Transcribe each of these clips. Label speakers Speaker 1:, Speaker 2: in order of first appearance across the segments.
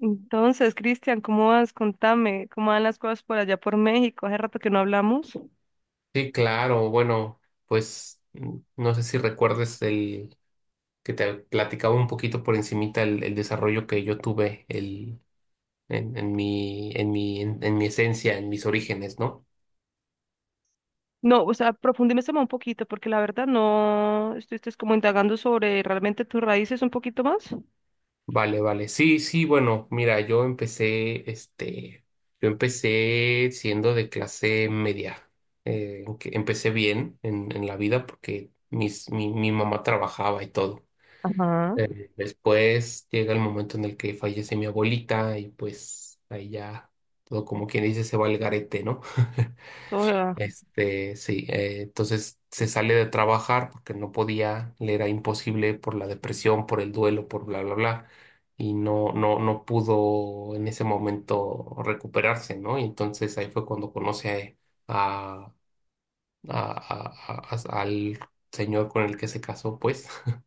Speaker 1: Entonces, Cristian, ¿cómo vas? Contame, ¿cómo van las cosas por allá por México? Hace rato que no hablamos.
Speaker 2: Sí, claro. Bueno, pues no sé si recuerdes el que te platicaba un poquito por encimita el desarrollo que yo tuve el, en mi esencia, en mis orígenes, ¿no?
Speaker 1: No, o sea, profundízame un poquito, porque la verdad no estuviste como indagando sobre realmente tus raíces un poquito más.
Speaker 2: Vale, vale. Sí, sí, bueno, mira, yo empecé, yo empecé siendo de clase media. Que empecé bien en la vida porque mi mamá trabajaba y todo.
Speaker 1: Ajá.
Speaker 2: Después llega el momento en el que fallece mi abuelita y pues ahí ya todo, como quien dice, se va al garete, ¿no?
Speaker 1: O sea,
Speaker 2: Sí, entonces se sale de trabajar porque no podía, le era imposible por la depresión, por el duelo, por bla, bla, bla, y no pudo en ese momento recuperarse, ¿no? Y entonces ahí fue cuando conoce a, al señor con el que se casó, pues.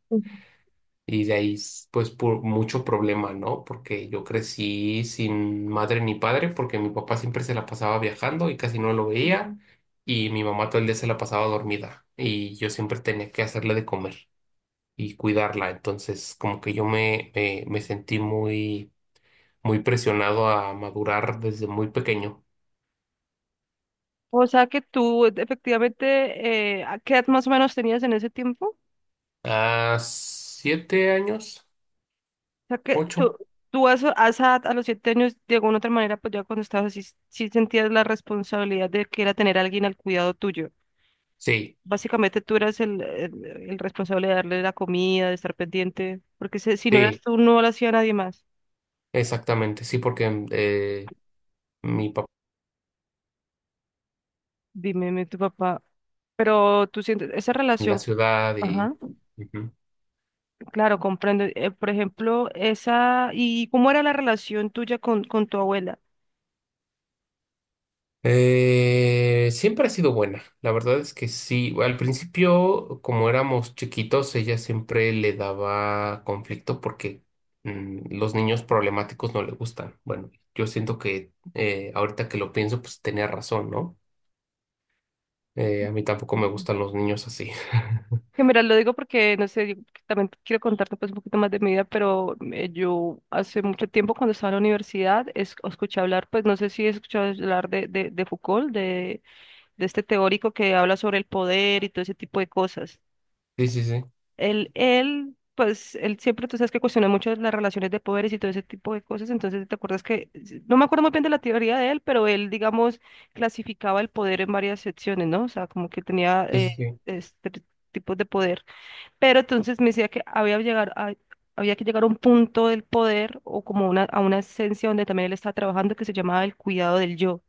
Speaker 2: Y de ahí, pues, por mucho problema, ¿no? Porque yo crecí sin madre ni padre, porque mi papá siempre se la pasaba viajando y casi no lo veía, y mi mamá todo el día se la pasaba dormida, y yo siempre tenía que hacerle de comer y cuidarla. Entonces, como que yo me sentí muy, muy presionado a madurar desde muy pequeño.
Speaker 1: o sea que tú efectivamente, ¿a qué edad más o menos tenías en ese tiempo?
Speaker 2: A 7 años,
Speaker 1: O sea que tú,
Speaker 2: ocho.
Speaker 1: tú a esa edad, a los 7 años, de alguna otra manera, pues ya cuando estabas así, sí sentías la responsabilidad de que era tener a alguien al cuidado tuyo.
Speaker 2: Sí,
Speaker 1: Básicamente tú eras el responsable de darle la comida, de estar pendiente, porque si no eras
Speaker 2: sí,
Speaker 1: tú, no lo hacía nadie más.
Speaker 2: exactamente, sí, porque mi papá
Speaker 1: Dime, tu papá. Pero tú sientes esa
Speaker 2: en la
Speaker 1: relación.
Speaker 2: ciudad y
Speaker 1: Ajá,
Speaker 2: ujú.
Speaker 1: claro, comprendo. Por ejemplo, esa. ¿Y cómo era la relación tuya con tu abuela?
Speaker 2: Siempre ha sido buena. La verdad es que sí. Al principio, como éramos chiquitos, ella siempre le daba conflicto porque los niños problemáticos no le gustan. Bueno, yo siento que ahorita que lo pienso, pues tenía razón, ¿no? A mí tampoco me gustan los niños así.
Speaker 1: Que mira, lo digo porque, no sé, yo también quiero contarte, pues, un poquito más de mi vida, pero yo hace mucho tiempo cuando estaba en la universidad escuché hablar, pues no sé si he escuchado hablar de Foucault, de este teórico que habla sobre el poder y todo ese tipo de cosas.
Speaker 2: Sí, sí, sí.
Speaker 1: Pues, él siempre, tú sabes, que cuestiona mucho las relaciones de poderes y todo ese tipo de cosas. Entonces, te acuerdas que, no me acuerdo muy bien de la teoría de él, pero él, digamos, clasificaba el poder en varias secciones, ¿no? O sea, como que tenía,
Speaker 2: Sí, sí, sí.
Speaker 1: este, tipos de poder, pero entonces me decía que había que llegar a un punto del poder o como a una esencia donde también él estaba trabajando, que se llamaba el cuidado del yo.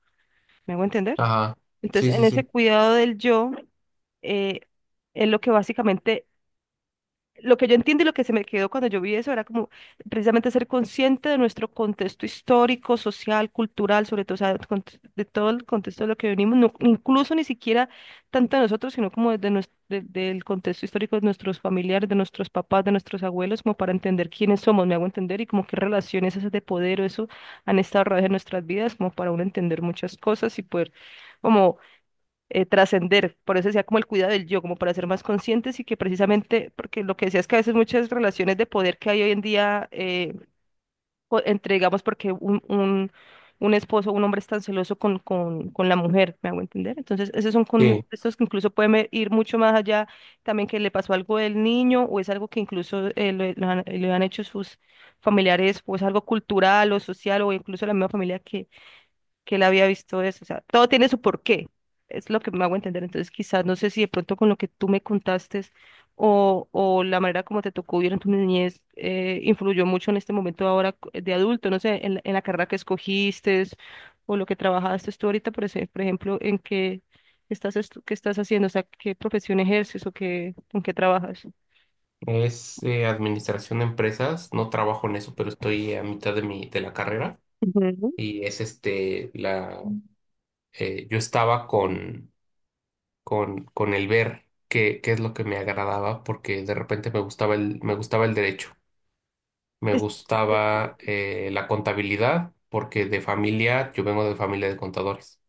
Speaker 1: ¿Me hago entender?
Speaker 2: Ajá.
Speaker 1: Entonces,
Speaker 2: Sí,
Speaker 1: en
Speaker 2: sí,
Speaker 1: ese
Speaker 2: sí.
Speaker 1: cuidado del yo, eh, es lo que básicamente, lo que yo entiendo y lo que se me quedó cuando yo vi eso, era como precisamente ser consciente de nuestro contexto histórico, social, cultural, sobre todo, o sea, el de todo el contexto de lo que venimos, incluso ni siquiera tanto de nosotros, sino como desde del contexto histórico de nuestros familiares, de nuestros papás, de nuestros abuelos, como para entender quiénes somos, me hago entender, y como qué relaciones esas de poder o eso han estado a través de nuestras vidas, como para uno entender muchas cosas y poder como trascender. Por eso decía como el cuidado del yo, como para ser más conscientes. Y que precisamente, porque lo que decía es que a veces muchas relaciones de poder que hay hoy en día, entre, digamos, porque un esposo, un hombre, es tan celoso con la mujer, ¿me hago entender? Entonces, esos son
Speaker 2: Sí.
Speaker 1: contextos que incluso pueden ir mucho más allá, también que le pasó algo del niño o es algo que incluso le han hecho sus familiares, o es algo cultural o social o incluso la misma familia que él había visto eso. O sea, todo tiene su porqué. Es lo que me hago entender. Entonces, quizás, no sé si de pronto con lo que tú me contaste, o la manera como te tocó vivir en tu niñez influyó mucho en este momento ahora, de adulto, no sé, en la carrera que escogiste o lo que trabajaste tú ahorita, por ejemplo, en qué qué estás haciendo, o sea, qué profesión ejerces o con qué trabajas.
Speaker 2: Es administración de empresas. No trabajo en eso, pero estoy a mitad de de la carrera.
Speaker 1: Ujú.
Speaker 2: Y es yo estaba con el ver qué, qué es lo que me agradaba, porque de repente me gustaba me gustaba el derecho, me
Speaker 1: Es- eh,
Speaker 2: gustaba la contabilidad, porque de familia, yo vengo de familia de contadores.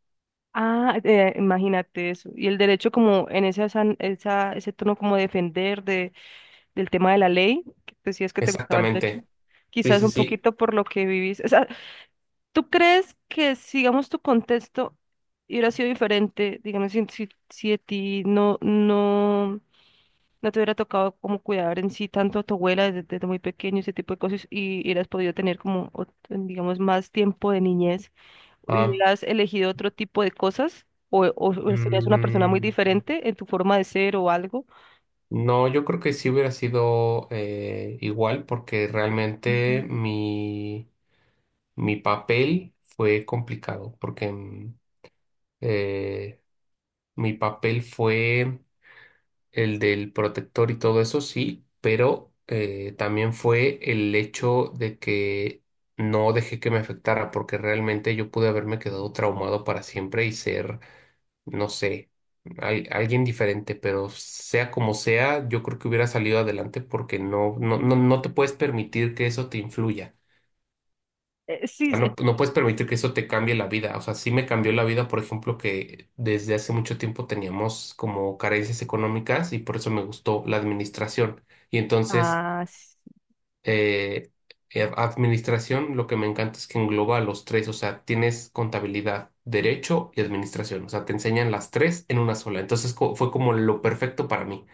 Speaker 1: Ah, imagínate eso. Y el derecho, como en ese tono como de defender, del tema de la ley, que decías que te gustaba el derecho,
Speaker 2: Exactamente. Sí,
Speaker 1: quizás
Speaker 2: sí,
Speaker 1: un
Speaker 2: sí.
Speaker 1: poquito por lo que vivís. O sea, ¿tú crees que, sigamos, tu contexto hubiera sido diferente, digamos, si a ti no te hubiera tocado como cuidar en sí tanto a tu abuela desde, muy pequeño, ese tipo de cosas, y hubieras podido tener como, digamos, más tiempo de niñez,
Speaker 2: Ah,
Speaker 1: hubieras elegido otro tipo de cosas? O serías una persona muy
Speaker 2: mm,
Speaker 1: diferente en tu forma de ser o algo.
Speaker 2: no, yo creo que sí hubiera sido igual, porque realmente mi papel fue complicado, porque eh, mi papel fue el del protector y todo eso, sí, pero también fue el hecho de que no dejé que me afectara, porque realmente yo pude haberme quedado traumado para siempre y ser, no sé, alguien diferente, pero sea como sea, yo creo que hubiera salido adelante porque no te puedes permitir que eso te influya
Speaker 1: Sí,
Speaker 2: sea.
Speaker 1: sí.
Speaker 2: No puedes permitir que eso te cambie la vida. O sea, sí me cambió la vida, por ejemplo, que desde hace mucho tiempo teníamos como carencias económicas y por eso me gustó la administración. Y entonces,
Speaker 1: Ah,
Speaker 2: eh, administración, lo que me encanta es que engloba a los tres. O sea, tienes contabilidad, derecho y administración. O sea, te enseñan las tres en una sola. Entonces, fue como lo perfecto para mí.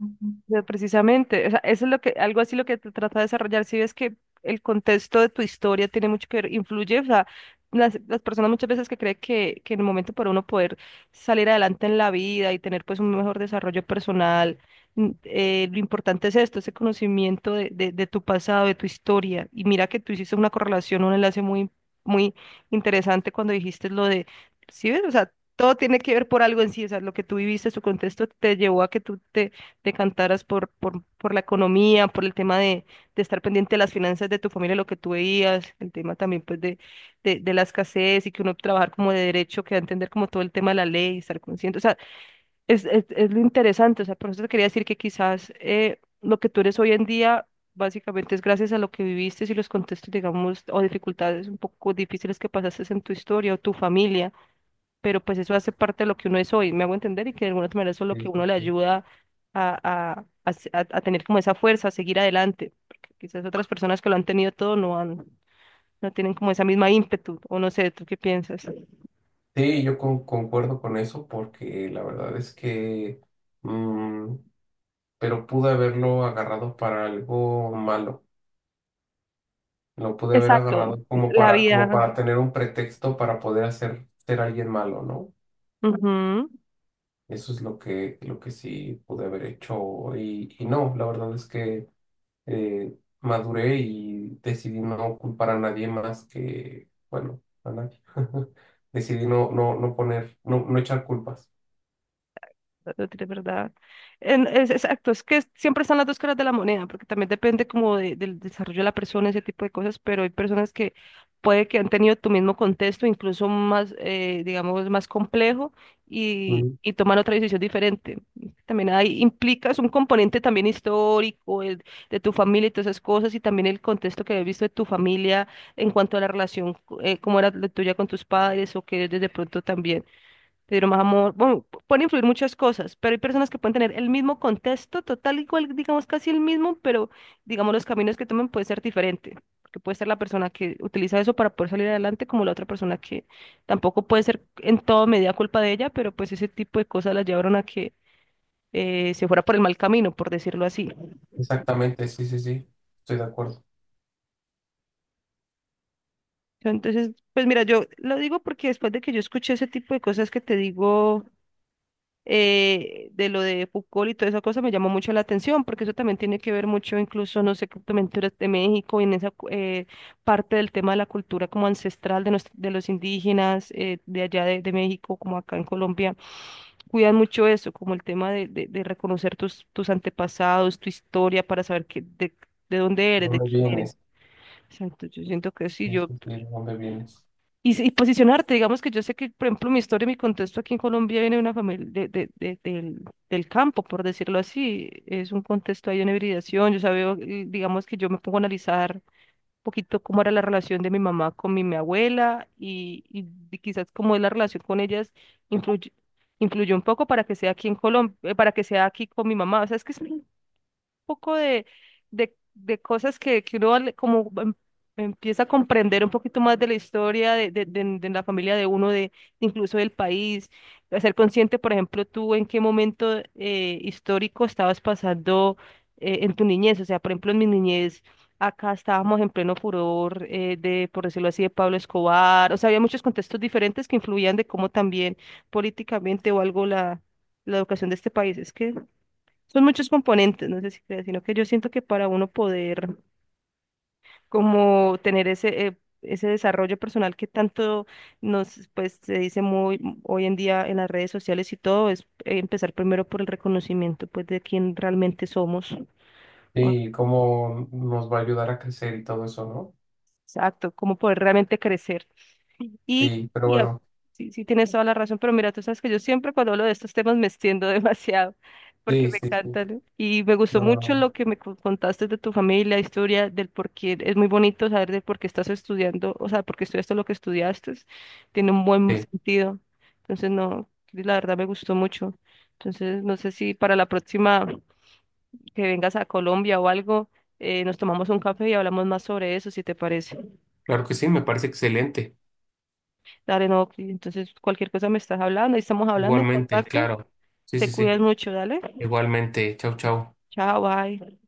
Speaker 2: Ujú.
Speaker 1: pero precisamente, o sea, eso es lo que, algo así, lo que te trata de desarrollar. Si ves que el contexto de tu historia tiene mucho que ver, influye, o sea, las personas muchas veces que creen que, en el momento para uno poder salir adelante en la vida y tener pues un mejor desarrollo personal, mm, lo importante es esto, ese conocimiento de tu pasado, de tu historia. Y mira que tú hiciste una correlación, un enlace muy, muy interesante cuando dijiste lo de, ¿sí ves? O sea, todo tiene que ver por algo en sí, o sea, lo que tú viviste, su contexto te llevó a que tú te cantaras por la economía, por el tema de estar pendiente de las finanzas de tu familia, lo que tú veías, el tema también, pues, de, la escasez, y que uno trabajar como de derecho, que va a entender como todo el tema de la ley, estar consciente, o sea, es lo interesante, o sea, por eso te quería decir que quizás lo que tú eres hoy en día... Básicamente es gracias a lo que viviste y los contextos, digamos, o dificultades un poco difíciles que pasaste en tu historia o tu familia, pero pues eso hace parte de lo que uno es hoy, me hago entender, y que de alguna otra manera eso es lo que
Speaker 2: Sí, sí,
Speaker 1: uno le
Speaker 2: sí.
Speaker 1: ayuda a, a tener como esa fuerza, a seguir adelante, porque quizás otras personas que lo han tenido todo no tienen como esa misma ímpetu, o no sé, ¿tú qué piensas?
Speaker 2: Sí, yo concuerdo con eso porque la verdad es que pero pude haberlo agarrado para algo malo. Lo pude haber
Speaker 1: Exacto,
Speaker 2: agarrado como
Speaker 1: la
Speaker 2: para, como
Speaker 1: vida.
Speaker 2: para tener un pretexto para poder hacer ser alguien malo, ¿no?
Speaker 1: Ujú.
Speaker 2: Eso es lo que sí pude haber hecho y no, la verdad es que maduré y decidí no culpar a nadie más que, bueno, a nadie. Decidí no poner, no echar culpas.
Speaker 1: No tienes verdad. Es, exacto, es que siempre están las dos caras de la moneda, porque también depende como del desarrollo de la persona, ese tipo de cosas, pero hay personas que puede que han tenido tu mismo contexto, incluso más, digamos, más complejo,
Speaker 2: Mm.
Speaker 1: y toman otra decisión diferente. También ahí implicas un componente también histórico, de tu familia y todas esas cosas, y también el contexto que habías visto de tu familia en cuanto a la relación, cómo era la tuya con tus padres, o que desde pronto también te dieron más amor. Bueno, pueden influir muchas cosas, pero hay personas que pueden tener el mismo contexto, total igual, digamos casi el mismo, pero digamos los caminos que tomen puede ser diferente, porque puede ser la persona que utiliza eso para poder salir adelante, como la otra persona que tampoco puede ser en todo medida culpa de ella, pero pues ese tipo de cosas las llevaron a que se fuera por el mal camino, por decirlo así.
Speaker 2: Exactamente, sí, sí, sí, estoy de acuerdo.
Speaker 1: Entonces, pues mira, yo lo digo porque después de que yo escuché ese tipo de cosas que te digo, de lo de Foucault y toda esa cosa, me llamó mucho la atención, porque eso también tiene que ver mucho, incluso, no sé, con culturas de México. Y en esa parte del tema de la cultura como ancestral de los indígenas, de allá de, México, como acá en Colombia, cuidan mucho eso, como el tema de reconocer tus antepasados, tu historia, para saber de dónde
Speaker 2: ¿De
Speaker 1: eres, de
Speaker 2: dónde
Speaker 1: quién
Speaker 2: vienes?
Speaker 1: eres. Exacto, yo siento que sí.
Speaker 2: Sí,
Speaker 1: yo
Speaker 2: sí, sí, ¿de dónde vienes?
Speaker 1: y, si- y posicionarte, digamos, que yo sé que, por ejemplo, mi historia, mi contexto aquí en Colombia, viene de una familia del campo, por decirlo así. Es un contexto ahí de una hibridación. Yo sabía, digamos, que yo me pongo a analizar un poquito cómo era la relación de mi mamá con mi abuela, y quizás cómo es la relación con ellas influye, influyó un poco para que sea aquí en Colombia, para que sea aquí con mi mamá. O sea, es que es, poco de, cosas que, uno como empieza a comprender un poquito más de la historia de la familia de uno, de, incluso, del país, de ser consciente, por ejemplo, tú en qué momento histórico estabas pasando, en tu niñez, o sea, por ejemplo, en mi niñez. Acá estábamos en pleno furor, por decirlo así, de Pablo Escobar. O sea, había muchos contextos diferentes que influían de cómo también políticamente, o algo, la educación de este país. Es que son muchos componentes, no sé si creas, sino que yo siento que para uno poder como tener ese desarrollo personal que tanto pues, se dice muy hoy en día en las redes sociales y todo, es, empezar primero por el reconocimiento, pues, de quién realmente somos. Ah,
Speaker 2: Y cómo nos va a ayudar a crecer y todo eso, ¿no?
Speaker 1: exacto, cómo poder realmente crecer. Y,
Speaker 2: Sí, pero
Speaker 1: y a-
Speaker 2: bueno,
Speaker 1: sí, sí, tienes toda la razón, pero mira, tú sabes que yo siempre, cuando hablo de estos temas, me extiendo demasiado, porque
Speaker 2: sí,
Speaker 1: me
Speaker 2: sí, sí.
Speaker 1: encantan. Y me gustó
Speaker 2: No,
Speaker 1: mucho
Speaker 2: no,
Speaker 1: lo que me contaste de tu familia, historia, del por qué. Es muy bonito saber de por qué estás estudiando, o sea, por qué estudiaste lo que estudiaste. Tiene un buen
Speaker 2: sí,
Speaker 1: sentido. Entonces, no, la verdad me gustó mucho. Entonces, no sé si para la próxima que vengas a Colombia o algo, nos tomamos un café y hablamos más sobre eso, si te parece.
Speaker 2: claro que sí, me parece excelente.
Speaker 1: Dale, no, Cris, entonces, cualquier cosa me estás hablando, ahí estamos hablando en
Speaker 2: Igualmente,
Speaker 1: contacto.
Speaker 2: claro. Sí,
Speaker 1: Te
Speaker 2: sí,
Speaker 1: cuidas
Speaker 2: sí.
Speaker 1: mucho, dale.
Speaker 2: Igualmente. Chau, chau.
Speaker 1: Chao, bye.